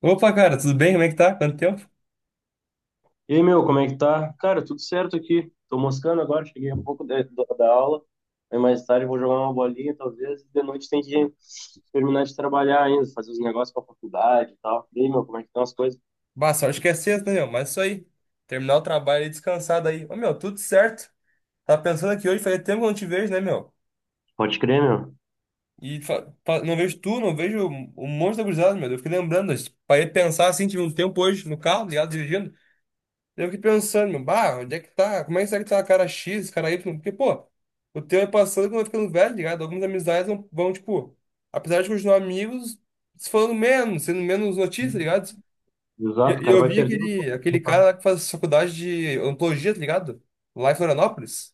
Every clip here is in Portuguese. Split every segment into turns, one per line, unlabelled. Opa, cara, tudo bem? Como é que tá? Quanto tempo?
E aí, meu, como é que tá? Cara, tudo certo aqui. Tô moscando agora, cheguei há pouco da aula. Aí mais tarde vou jogar uma bolinha, talvez. E de noite tem que terminar de trabalhar ainda, fazer os negócios pra faculdade e tal. E aí, meu, como é que estão as coisas?
Bah, sorte que é sexta, né, meu? Mas isso aí. Terminar o trabalho e descansado aí. Ô, meu, tudo certo. Tava pensando aqui hoje, fazia tempo que eu não te vejo, né, meu?
Pode crer, meu.
E não vejo tu, não vejo um monte de gurizada, meu. Eu fiquei lembrando, eu parei de pensar assim, tive um tempo hoje no carro, ligado, dirigindo. Eu fiquei pensando, meu, bah, onde é que tá? Como é que será que tá cara X, cara Y? Porque, pô, o tempo é passando quando eu ficando velho, ligado? Algumas amizades vão, tipo, apesar de continuar amigos, se falando menos, sendo menos notícia, ligado? E
Exato, o
e
cara
eu
vai
vi
perdendo
aquele cara lá que faz faculdade de odontologia, tá ligado? Lá em Florianópolis.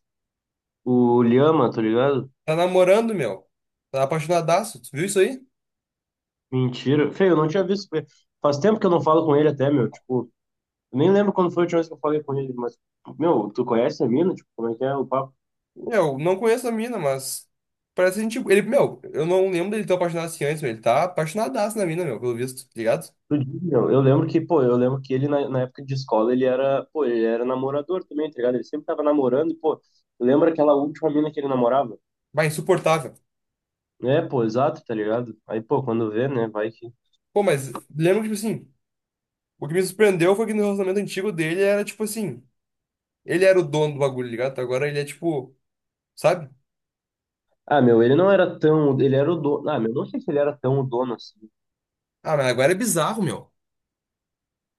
o Lhama, tá ligado?
Tá namorando, meu. Tá apaixonadaço. Tu viu isso aí?
Mentira. Feio, eu não tinha visto. Faz tempo que eu não falo com ele até, meu. Tipo, eu nem lembro quando foi a última vez que eu falei com ele, mas, meu, tu conhece a mina? Tipo, como é que é o papo?
Meu, não conheço a mina, mas parece gente. Ele, meu, eu não lembro dele ter apaixonado assim antes, meu. Ele tá apaixonadaço na mina, meu, pelo visto, tá ligado?
Do Diggle, eu lembro que, pô, eu lembro que ele na época de escola, ele era, pô, ele era namorador também, tá ligado? Ele sempre tava namorando e, pô, lembra aquela última mina que ele namorava?
Vai, insuportável.
É, pô, exato, tá ligado? Aí, pô, quando vê, né, vai que...
Pô, mas lembro que, tipo assim, o que me surpreendeu foi que no relacionamento antigo dele era, tipo assim, ele era o dono do bagulho, tá ligado? Agora ele é, tipo, sabe?
Ah, meu, ele não era tão, ele era o dono, ah, meu, não sei se ele era tão o dono assim.
Ah, mas agora é bizarro, meu.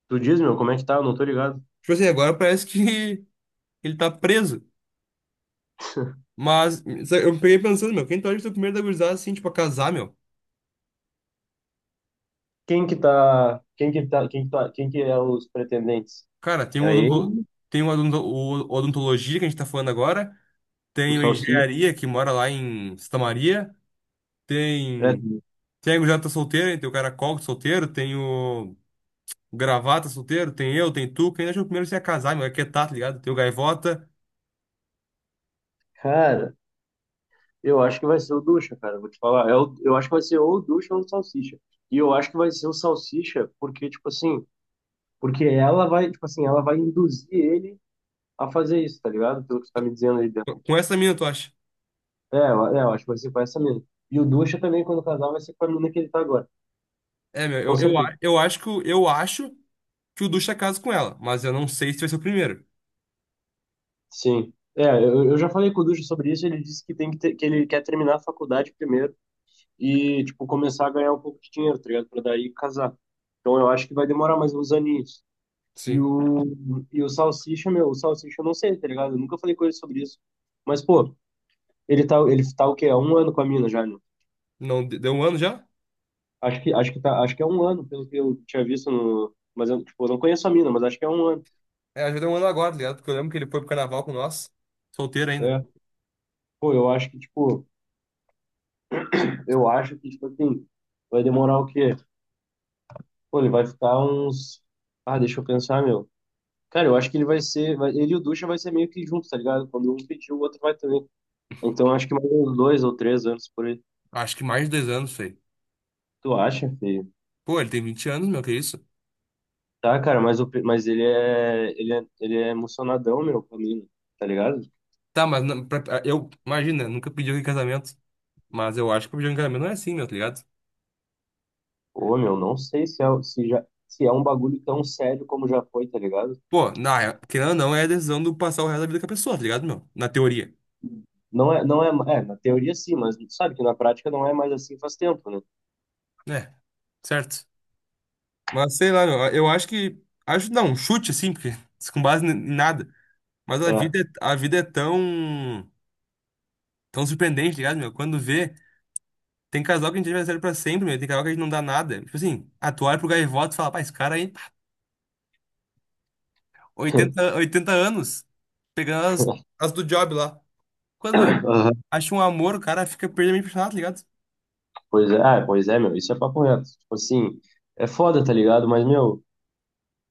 Tu diz, meu, como é que tá? Eu não tô ligado.
Tipo assim, agora parece que ele tá preso. Mas eu peguei pensando, meu, quem torce pro primeiro da gurizada, assim, tipo, a casar, meu?
Quem que tá, quem que tá, quem que tá, Quem que é os pretendentes?
Cara,
É ele,
o odontologia que a gente tá falando agora,
o
tem o
Salsicha,
engenharia que mora lá em Santa Maria, tem,
é...
tem a gurizada que tá solteira, né, tem o caracol que é solteiro, tem o gravata solteiro, tem eu, tem tu, quem acha que o primeiro se ia casar, meu, é que tá, tá ligado? Tem o gaivota.
Cara, eu acho que vai ser o Ducha, cara. Vou te falar. Eu acho que vai ser ou o Ducha ou o Salsicha. E eu acho que vai ser o Salsicha, porque, tipo assim, porque ela vai, tipo assim, ela vai induzir ele a fazer isso, tá ligado? Pelo que você tá me dizendo aí dentro.
Com essa mina, tu acha?
Eu acho que vai ser com essa mina. E o Ducha também, quando casar, vai ser com a mina que ele tá agora.
É, meu,
Com certeza.
eu acho que o Ducha casa com ela, mas eu não sei se vai ser o primeiro.
Sim. É, eu já falei com o Ducha sobre isso, ele disse que tem que ter, que ele quer terminar a faculdade primeiro e, tipo, começar a ganhar um pouco de dinheiro, tá ligado? Pra daí casar. Então eu acho que vai demorar mais uns aninhos. E
Sim.
o, e o Salsicha, meu, o Salsicha eu não sei, tá ligado? Eu nunca falei com ele sobre isso. Mas, pô, ele tá o quê? Há um ano com a mina já, né?
Não, deu 1 ano já?
Acho que tá, acho que é um ano, pelo que eu tinha visto no. Mas eu, tipo, eu não conheço a mina, mas acho que é um ano.
É, já deu 1 ano agora, tá ligado? Porque eu lembro que ele foi pro carnaval com nós. Solteiro ainda.
É. Pô, eu acho que, tipo, eu acho que, tipo assim, vai demorar o quê? Pô, ele vai ficar uns. Ah, deixa eu pensar, meu. Cara, eu acho que ele vai ser. Vai- ele e o Ducha vai ser meio que junto, tá ligado? Quando um pedir, o outro vai também. Então acho que mais uns 2 ou 3 anos por aí.
Acho que mais de 2 anos, feio.
Tu acha, filho?
Pô, ele tem 20 anos, meu, que isso?
Tá, cara, mas, o, pe- mas ele é, ele é, ele é emocionadão, meu, pra mim, tá ligado?
Tá, mas eu, imagina, nunca pediu em casamento. Mas eu acho que pedir em casamento não é assim, meu, tá ligado?
Pô, meu, não sei se é, o- se já, se é um bagulho tão sério como já foi, tá ligado?
Pô, querendo ou não, é a decisão do passar o resto da vida com a pessoa, tá ligado, meu? Na teoria.
Não é, não é, é, na teoria sim, mas sabe que na prática não é mais assim faz tempo, né?
É, certo. Mas sei lá, meu, eu acho que. Acho, não, um chute assim, porque com base em nada. Mas a
É.
vida, a vida é tão. Tão surpreendente, tá ligado, meu? Quando vê. Tem casal que a gente é adversário pra sempre, meu. Tem casal que a gente não dá nada. Tipo assim, ah, tu olha pro Gaivota e fala, pá, esse cara aí, pá, oitenta anos, pegando as do job lá. Quando vê,
Aham.
acha um amor, o cara fica perdidamente apaixonado, tá ligado?
Pois é, ah, pois é, meu, isso é papo reto. Tipo assim, é foda, tá ligado? Mas, meu,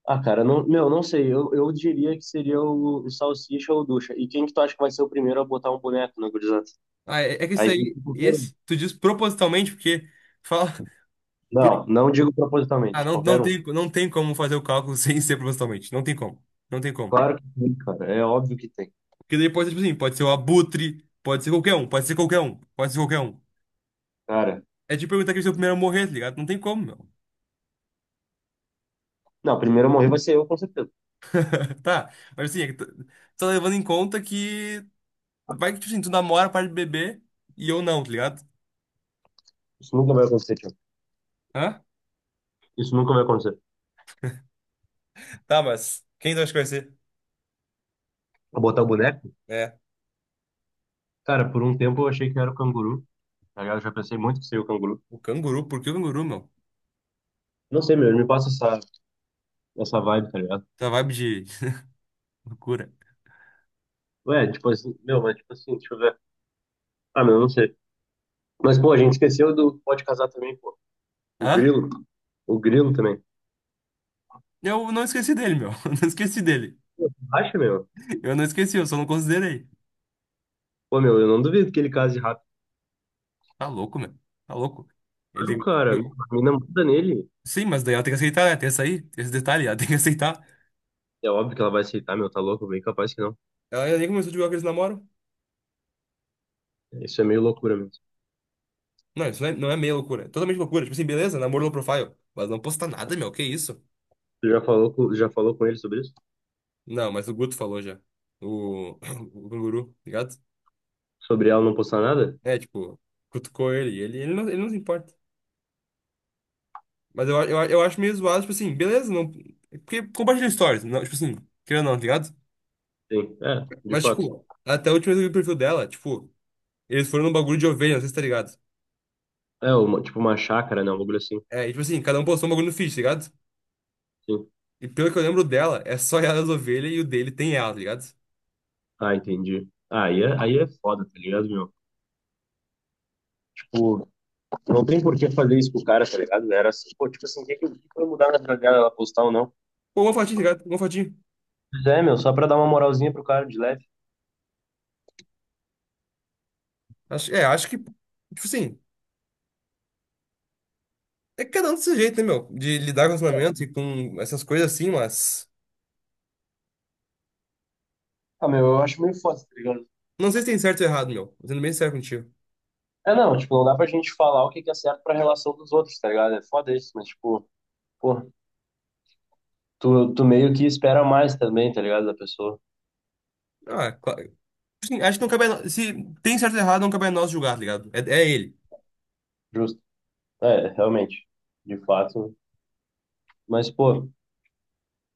ah, cara, não, meu, não sei, eu diria que seria o Salsicha ou o Ducha. E quem que tu acha que vai ser o primeiro a botar um boneco na gurizada?
Ah, é, é que isso
Aí,
aí,
tipo,
esse, tu diz propositalmente, porque fala, porque,
não, não digo
ah,
propositalmente,
não, não
qualquer um.
tem, não tem como fazer o cálculo sem ser propositalmente. Não tem como. Não tem como.
Claro que tem, cara. É óbvio que tem.
Porque daí pode ser, tipo assim, pode ser o Abutre, pode ser qualquer um, pode ser qualquer um, pode ser qualquer um.
Cara,
É de perguntar quem é o primeiro a morrer, tá ligado? Não tem como, meu.
não, primeiro a morrer vai ser eu, com certeza.
Tá, mas assim, é que tô levando em conta que vai que, tipo assim, tu namora, para de beber e eu não, tá ligado?
Isso nunca vai acontecer, Thiago.
Hã?
Isso nunca vai acontecer.
Tá, mas quem tu acha que vai ser?
Vou botar o boneco?
É,
Cara, por um tempo eu achei que era o canguru, tá ligado? Eu já pensei muito que seria o canguru.
o canguru. Por que o canguru, meu?
Não sei, meu, me passa essa, essa vibe, tá ligado?
Tá vibe de loucura.
Ué, tipo assim, meu, mas tipo assim, deixa eu ver. Ah, meu, não sei. Mas, pô, a gente esqueceu do pode casar também, pô. O
Hã?
grilo. O grilo também.
Eu não esqueci dele, meu. Eu não esqueci dele.
Pô, acha, meu?
Eu não esqueci, eu só não considerei.
Pô, meu, eu não duvido que ele case rápido.
Tá louco, meu. Tá louco.
Claro,
Ele...
cara,
eu-
a mina muda nele.
Sim, mas daí ela tem que aceitar, né? Tem essa aí, tem esse detalhe, ela tem que aceitar.
É óbvio que ela vai aceitar, meu, tá louco? Bem capaz que não.
Ela ainda nem começou a divulgar que eles namoram.
Isso é meio loucura mesmo.
Não, isso não é meia loucura. É totalmente loucura. Tipo assim, beleza, namoro low profile. Mas não postar nada, meu. Que isso?
Tu já falou com ele sobre isso?
Não, mas o Guto falou já. O, o canguru, tá ligado?
Sobre ela não postar nada?
É, tipo, cutucou ele. Não, ele não se importa. Mas eu acho meio zoado, tipo assim, beleza, não. é Porque compartilha stories, não, tipo assim, querendo ou não, tá ligado?
Sim, é, de
Mas,
fato.
tipo, até a última vez que eu vi o perfil dela, tipo, eles foram num bagulho de ovelha, não sei se tá ligado.
É, uma, tipo uma chácara, né? Um bagulho assim.
É, e tipo assim, cada um postou um bagulho no feed, tá ligado?
Sim.
E pelo que eu lembro dela, é só ela as ovelhas e o dele tem ela, tá ligado?
Ah, entendi. Ah, aí é foda, tá ligado, meu? Tipo, não tem por que fazer isso com o cara, tá ligado? Era assim, pô, tipo assim, o que que vai mudar na vida dela, ela postar ou não?
Pô, uma fotinha, tá ligado? Uma fotinha.
Pois é, meu, só pra dar uma moralzinha pro cara de leve.
Acho, é, acho que. Tipo assim. É que cada um do seu jeito, né, meu? De lidar com relacionamento e com essas coisas assim, mas.
Ah, meu, eu acho meio foda, tá ligado?
Não sei se tem certo ou errado, meu. Tô sendo bem sério contigo.
É, não, tipo, não dá pra gente falar o que que é certo pra relação dos outros, tá ligado? É foda isso, mas, tipo. Porra, tu meio que espera mais também, tá ligado? Da pessoa.
Ah, claro. Assim, acho que não cabe a nós. Se tem certo ou errado, não cabe a nós julgar, tá ligado? É, é ele.
Justo. É, realmente. De fato. Mas, pô,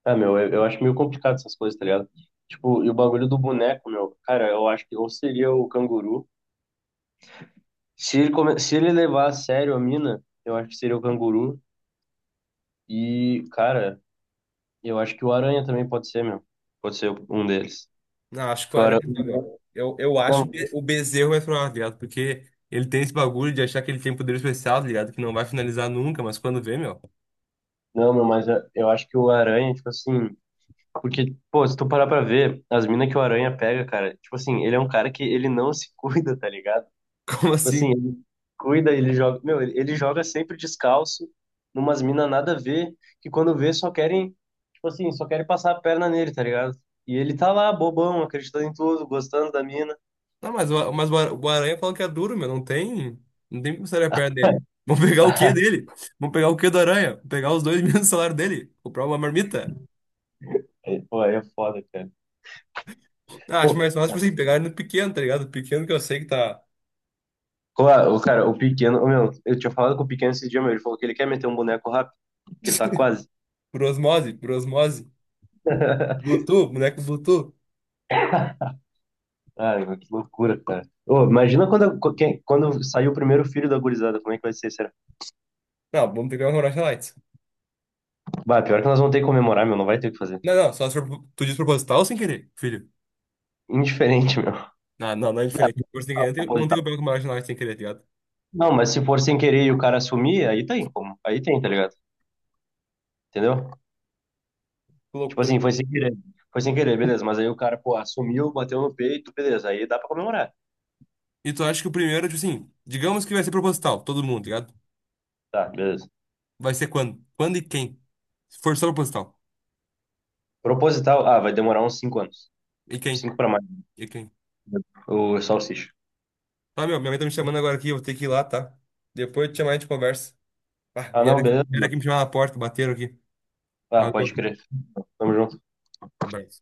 é, meu, eu acho meio complicado essas coisas, tá ligado? Tipo, e o bagulho do boneco, meu, cara, eu acho que ou seria o canguru. Se ele, come... Se ele levar a sério a mina, eu acho que seria o canguru. E, cara, eu acho que o aranha também pode ser, meu. Pode ser um deles.
Não, acho que
Porque
o
o
Aranha,
aranha...
né, meu? Eu
Não,
acho que o Bezerro vai falar, tá ligado? Porque ele tem esse bagulho de achar que ele tem poder especial, tá ligado? Que não vai finalizar nunca, mas quando vê, meu.
não, meu, mas eu acho que o aranha, tipo assim. Porque, pô, se tu parar pra ver, as minas que o Aranha pega, cara, tipo assim, ele é um cara que ele não se cuida, tá ligado?
Como
Tipo assim,
assim?
ele cuida, ele joga. Meu, ele joga sempre descalço, numas minas nada a ver, que quando vê só querem, tipo assim, só querem passar a perna nele, tá ligado? E ele tá lá, bobão, acreditando em tudo, gostando da mina.
Não, mas, o Aranha fala que é duro, meu. Não tem. Não tem como sair a perna dele. Vamos pegar o quê dele? Vamos pegar o quê do Aranha? Vamos pegar os dois mil do salário dele? Comprar uma marmita?
É, pô, aí é foda, cara.
Ah, acho
Pô,
mais fácil, tipo assim, pegar ele no pequeno, tá ligado? Pequeno que eu sei que tá
claro, o cara, o pequeno, ô, meu, eu tinha falado com o pequeno esse dia, meu, ele falou que ele quer meter um boneco rápido, que ele tá quase.
por osmose, por osmose. Bluetooth, boneco Bluetooth.
Cara, que loucura, cara. Ô, imagina quando, co- quem- quando sair o primeiro filho da gurizada, como é que vai ser, será?
Não, vamos pegar um Rocha Lights.
Bah, pior que nós vamos ter que comemorar, meu, não vai ter o que fazer.
Não, não, só se for tu diz proposital ou sem querer, filho.
Indiferente, meu.
Não, não, não é diferente. Por sem
Ah,
querer, não tem como
proposital.
pegar com uma Rocha Lights sem querer, tá ligado?
Não, mas se for sem querer e o cara assumir, aí tem como. Aí tem, tá ligado? Entendeu?
Que
Tipo
loucura.
assim, foi sem querer. Foi sem querer, beleza. Mas aí o cara, pô, assumiu, bateu no peito, beleza. Aí dá pra comemorar.
E tu acha que o primeiro, tipo assim, digamos que vai ser proposital, todo mundo, tá ligado?
Tá, beleza.
Vai ser quando? Quando e quem? Se for só proposital.
Proposital, ah, vai demorar uns 5 anos.
E quem?
Cinco pra mais.
E quem?
O salsicha.
Tá, meu, minha mãe tá me chamando agora aqui, eu vou ter que ir lá, tá? Depois eu te chamar e a gente conversa. Ah,
Ah,
vieram
não,
aqui,
beleza.
vieram
Mano.
aqui me chamar na porta, bateram aqui.
Ah,
Valeu,
pode crer. Tamo junto.
um abraço.